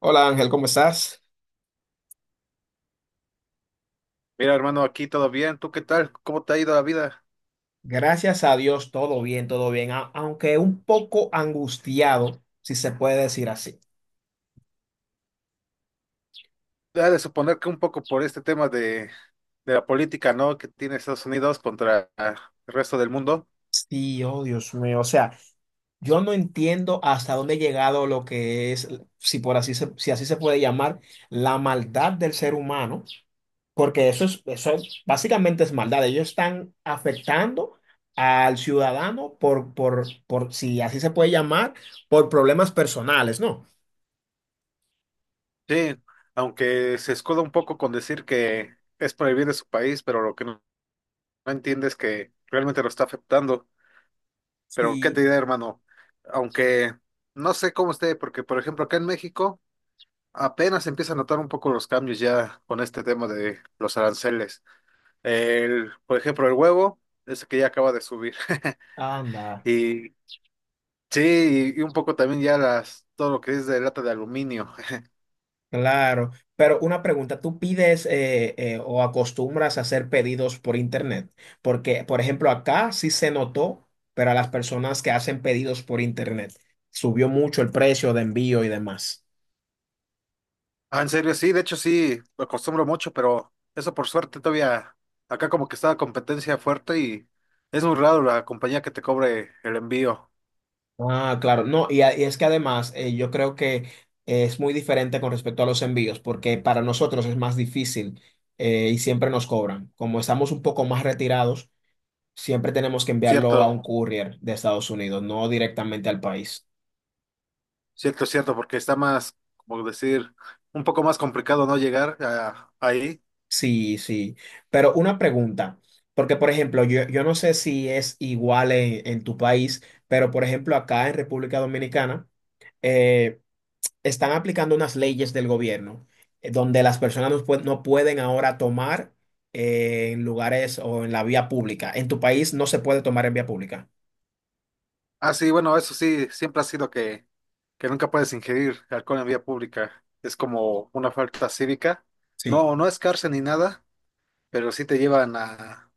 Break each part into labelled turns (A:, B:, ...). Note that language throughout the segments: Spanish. A: Hola Ángel, ¿cómo estás?
B: Mira, hermano, aquí todo bien. ¿Tú qué tal? ¿Cómo te ha ido la vida?
A: Gracias a Dios, todo bien, aunque un poco angustiado, si se puede decir así.
B: Ha de suponer que un poco por este tema de la política, ¿no? Que tiene Estados Unidos contra el resto del mundo.
A: Sí, oh Dios mío, o sea, yo no entiendo hasta dónde ha llegado lo que es, si así se puede llamar, la maldad del ser humano, porque eso es, básicamente es maldad. Ellos están afectando al ciudadano por, si así se puede llamar, por problemas personales, ¿no?
B: Sí, aunque se escuda un poco con decir que es por el bien de su país, pero lo que no entiende es que realmente lo está afectando. Pero qué te
A: Sí,
B: diré, hermano, aunque no sé cómo esté, porque por ejemplo acá en México apenas se empieza a notar un poco los cambios ya con este tema de los aranceles. El, por ejemplo, el huevo, ese que ya acaba de subir.
A: anda.
B: Y sí, y un poco también ya las, todo lo que es de lata de aluminio.
A: Claro, pero una pregunta, ¿tú pides o acostumbras a hacer pedidos por internet? Porque, por ejemplo, acá sí se notó, pero a las personas que hacen pedidos por internet subió mucho el precio de envío y demás.
B: Ah, en serio, sí, de hecho sí, lo acostumbro mucho, pero eso por suerte todavía, acá como que está la competencia fuerte y es muy raro la compañía que te cobre el envío.
A: Ah, claro, no, y es que además yo creo que es muy diferente con respecto a los envíos, porque para nosotros es más difícil y siempre nos cobran. Como estamos un poco más retirados, siempre tenemos que enviarlo a
B: Cierto,
A: un courier de Estados Unidos, no directamente al país.
B: cierto, cierto, porque está más, como decir, un poco más complicado no llegar ahí.
A: Sí, sí, pero una pregunta, porque por ejemplo, yo no sé si es igual en tu país, pero por ejemplo acá en República Dominicana eh, están aplicando unas leyes del gobierno donde las personas no pueden ahora tomar en lugares o en la vía pública. En tu país no se puede tomar en vía pública.
B: Ah, sí, bueno, eso sí, siempre ha sido que nunca puedes ingerir alcohol en vía pública. Es como una falta cívica.
A: Sí.
B: No, no es cárcel ni nada, pero sí te llevan a,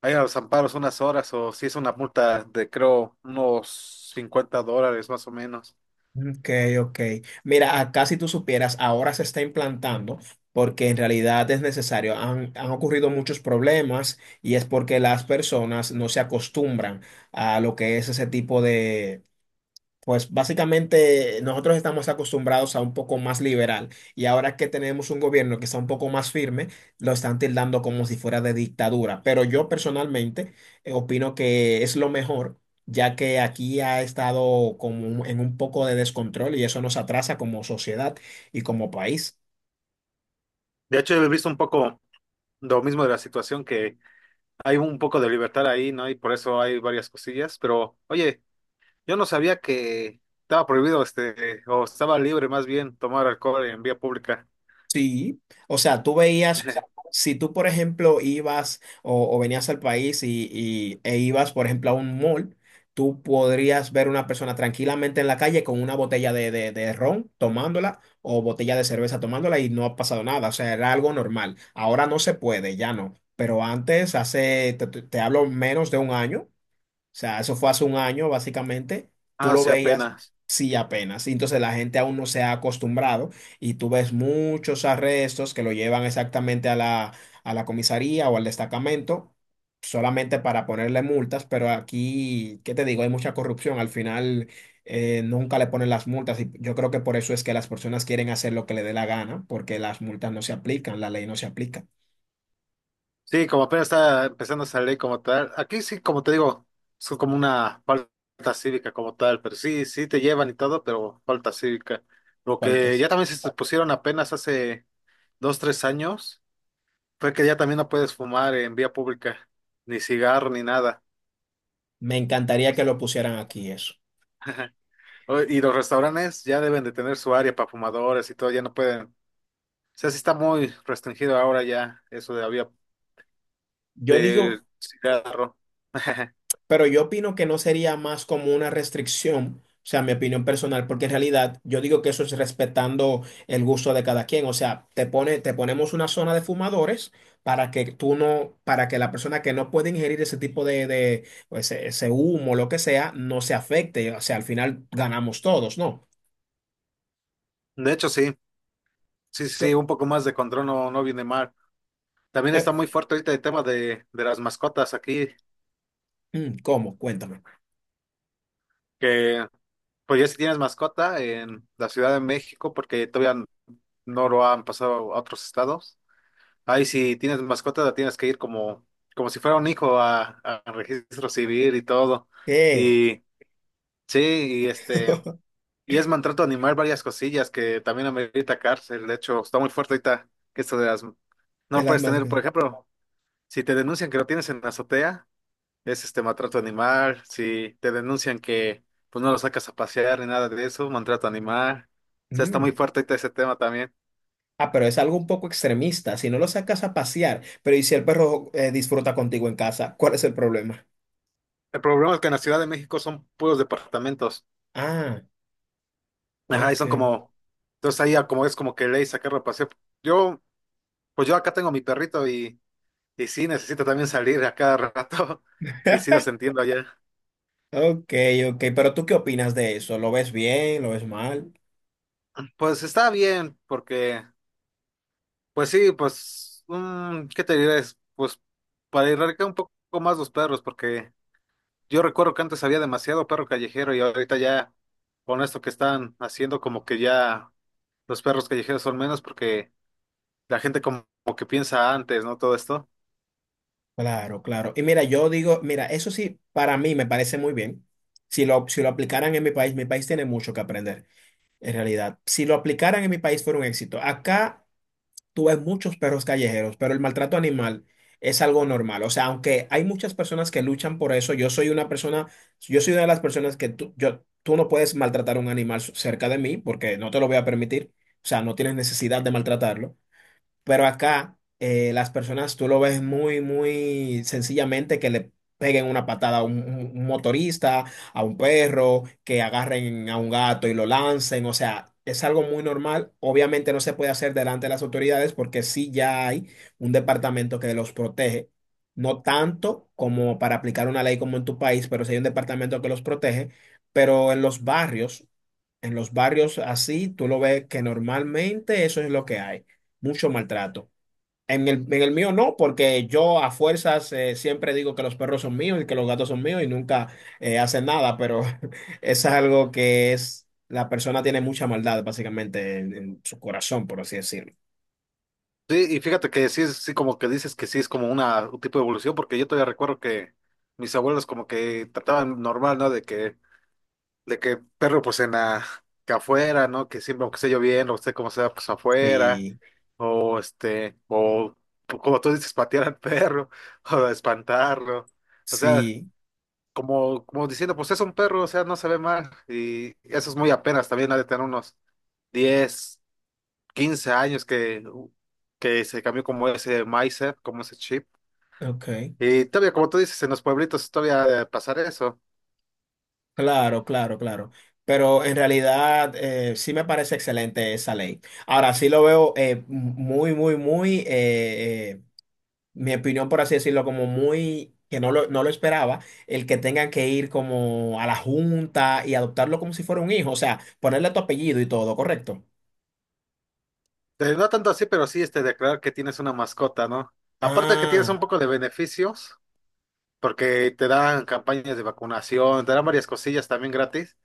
B: a ir a los amparos unas horas o si es una multa de creo unos $50 más o menos.
A: Ok, ok. Mira, acá si tú supieras, ahora se está implantando porque en realidad es necesario. Han ocurrido muchos problemas y es porque las personas no se acostumbran a lo que es ese tipo de. Pues básicamente nosotros estamos acostumbrados a un poco más liberal y ahora que tenemos un gobierno que está un poco más firme, lo están tildando como si fuera de dictadura. Pero yo personalmente opino que es lo mejor, ya que aquí ha estado en un poco de descontrol y eso nos atrasa como sociedad y como país.
B: De hecho, he visto un poco lo mismo de la situación que hay un poco de libertad ahí, ¿no? Y por eso hay varias cosillas, pero oye, yo no sabía que estaba prohibido este, o estaba libre más bien tomar alcohol en vía pública.
A: Sí, o sea, tú veías, si tú, por ejemplo, ibas o venías al país e ibas, por ejemplo, a un mall, tú podrías ver una persona tranquilamente en la calle con una botella de ron tomándola o botella de cerveza tomándola y no ha pasado nada, o sea, era algo normal. Ahora no se puede, ya no, pero antes, hace, te hablo menos de un año sea, eso fue hace un año, básicamente. Tú
B: Ah,
A: lo
B: sí,
A: veías,
B: apenas.
A: sí, apenas. Y entonces la gente aún no se ha acostumbrado y tú ves muchos arrestos que lo llevan exactamente a la comisaría o al destacamento solamente para ponerle multas, pero aquí, ¿qué te digo? Hay mucha corrupción. Al final nunca le ponen las multas y yo creo que por eso es que las personas quieren hacer lo que le dé la gana, porque las multas no se aplican, la ley no se aplica.
B: Sí, como apenas está empezando a salir como tal. Aquí sí, como te digo, es como una falta cívica como tal, pero sí, sí te llevan y todo, pero falta cívica. Lo que
A: Faltas.
B: ya también se pusieron apenas hace 2, 3 años fue que ya también no puedes fumar en vía pública, ni cigarro, ni nada.
A: Me encantaría que lo pusieran aquí eso.
B: Y los restaurantes ya deben de tener su área para fumadores y todo, ya no pueden. O sea, sí está muy restringido ahora ya eso de la vía
A: Yo digo.
B: del cigarro.
A: Pero yo opino que no sería más como una restricción, o sea, mi opinión personal, porque en realidad yo digo que eso es respetando el gusto de cada quien, o sea, te ponemos una zona de fumadores para que tú no, para que la persona que no puede ingerir ese tipo de o ese humo, lo que sea, no se afecte, o sea, al final ganamos todos, ¿no?
B: De hecho, sí. Sí, sí, sí,
A: Co-
B: un poco más de control no viene mal. También
A: eh,
B: está muy fuerte ahorita el tema de las mascotas aquí,
A: ¿Cómo? Cuéntame.
B: que pues ya si tienes mascota en la Ciudad de México, porque todavía no lo han pasado a otros estados. Ahí si tienes mascota la tienes que ir como, como si fuera un hijo a registro civil y todo.
A: Eh,
B: Y sí, y este, y es maltrato animal varias cosillas que también amerita cárcel. De hecho, está muy fuerte ahorita que esto de las, no
A: de
B: lo
A: las
B: puedes
A: más
B: tener, por ejemplo, si te denuncian que lo tienes en la azotea. Es este maltrato animal, si te denuncian que pues no lo sacas a pasear ni nada de eso, maltrato animal. O sea, está muy
A: grandes.
B: fuerte ahorita ese tema también.
A: Ah, pero es algo un poco extremista. Si no lo sacas a pasear, pero ¿y si el perro disfruta contigo en casa? ¿Cuál es el problema?
B: El problema es que en la Ciudad de México son puros departamentos.
A: Ah,
B: Ajá, y
A: ok.
B: son como, entonces ahí ya como es como que ley sacarlo a pasear. Yo, pues yo acá tengo mi perrito, y sí, necesito también salir a cada rato y sí los entiendo allá.
A: Ok, ok. Pero ¿tú qué opinas de eso? ¿Lo ves bien? ¿Lo ves mal?
B: Pues está bien, porque, pues sí, pues, ¿qué te diré? Es, pues para erradicar un poco más los perros, porque yo recuerdo que antes había demasiado perro callejero y ahorita ya, con esto que están haciendo, como que ya los perros callejeros son menos porque la gente como, como que piensa antes, ¿no? Todo esto.
A: Claro, claro. Y mira, yo digo, mira, eso sí, para mí me parece muy bien. Si lo aplicaran en mi país tiene mucho que aprender, en realidad. Si lo aplicaran en mi país fuera un éxito. Acá. Tú ves muchos perros callejeros, pero el maltrato animal es algo normal. O sea, aunque hay muchas personas que luchan por eso, yo soy una de las personas que tú no puedes maltratar un animal cerca de mí porque no te lo voy a permitir. O sea, no tienes necesidad de maltratarlo. Pero acá las personas tú lo ves muy, muy sencillamente que le peguen una patada a un motorista, a un perro, que agarren a un gato y lo lancen. O sea, es algo muy normal. Obviamente no se puede hacer delante de las autoridades porque sí ya hay un departamento que los protege. No tanto como para aplicar una ley como en tu país, pero sí hay un departamento que los protege. Pero en los barrios. En los barrios así, tú lo ves que normalmente eso es lo que hay, mucho maltrato. En el mío no, porque yo a fuerzas siempre digo que los perros son míos y que los gatos son míos y nunca hacen nada, pero es algo que es, la persona tiene mucha maldad básicamente en su corazón, por así decirlo.
B: Sí, y fíjate que sí, sí, como que dices que sí es como una, un tipo de evolución, porque yo todavía recuerdo que mis abuelos como que trataban normal, ¿no? De que perro pues en la, que afuera, ¿no? Que siempre, aunque esté lloviendo, usted como sea, pues afuera,
A: Sí,
B: o este, o pues, como tú dices, patear al perro, o espantarlo. O sea,
A: sí,
B: como, como diciendo, pues es un perro, o sea, no se ve mal. Y eso es muy apenas, también ha de tener unos 10, 15 años que se cambió como ese mindset, como ese chip.
A: ok,
B: Y todavía, como tú dices, en los pueblitos todavía ha de pasar eso.
A: claro, claro, claro. Pero en realidad sí me parece excelente esa ley. Ahora sí lo veo muy, muy, muy, mi opinión, por así decirlo, como muy, que no lo esperaba, el que tengan que ir como a la junta y adoptarlo como si fuera un hijo, o sea, ponerle tu apellido y todo, ¿correcto?
B: No tanto así, pero sí este, declarar que tienes una mascota, ¿no? Aparte de que tienes
A: Ah,
B: un poco de beneficios, porque te dan campañas de vacunación, te dan varias cosillas también gratis.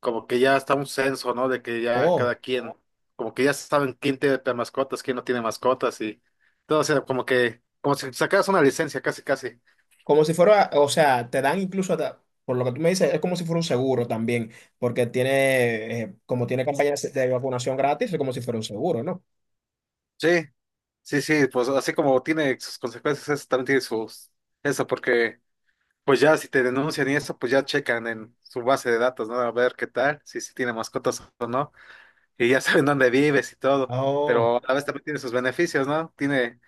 B: Como que ya está un censo, ¿no? De que ya cada
A: oh,
B: quien, como que ya saben quién tiene mascotas, quién no tiene mascotas y todo, o sea, como que, como si sacaras una licencia, casi, casi.
A: como si fuera, o sea, te dan incluso, por lo que tú me dices, es como si fuera un seguro también, porque como tiene campañas de vacunación gratis, es como si fuera un seguro, ¿no?
B: Sí, sí, sí, pues así como tiene sus consecuencias, eso también tiene sus, eso, porque pues ya si te denuncian y eso, pues ya checan en su base de datos, ¿no? A ver qué tal, si tiene mascotas o no, y ya saben dónde vives y todo,
A: Oh.
B: pero a la vez también tiene sus beneficios, ¿no? Tiene,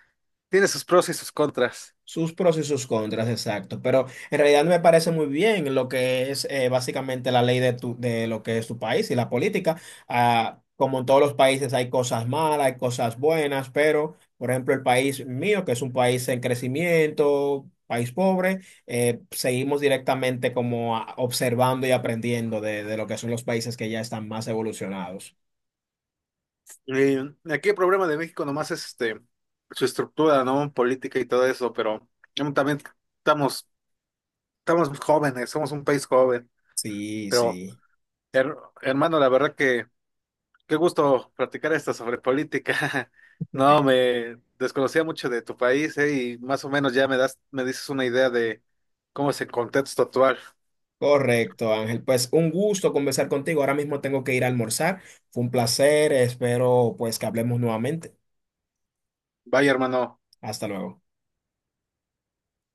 B: tiene sus pros y sus contras.
A: Sus pros y sus contras, exacto. Pero en realidad me parece muy bien lo que es básicamente la ley de lo que es tu país y la política. Ah, como en todos los países hay cosas malas, hay cosas buenas, pero por ejemplo el país mío, que es un país en crecimiento, país pobre, seguimos directamente como observando y aprendiendo de lo que son los países que ya están más evolucionados.
B: Aquí el problema de México nomás es este, su estructura, ¿no? Política y todo eso, pero también estamos, estamos jóvenes, somos un país joven.
A: Sí,
B: Pero,
A: sí.
B: her- hermano, la verdad que qué gusto platicar esto sobre política. No, me desconocía mucho de tu país, y más o menos ya me das, me dices una idea de cómo es el contexto actual.
A: Correcto, Ángel. Pues un gusto conversar contigo. Ahora mismo tengo que ir a almorzar. Fue un placer. Espero pues que hablemos nuevamente.
B: Vaya, hermano.
A: Hasta luego.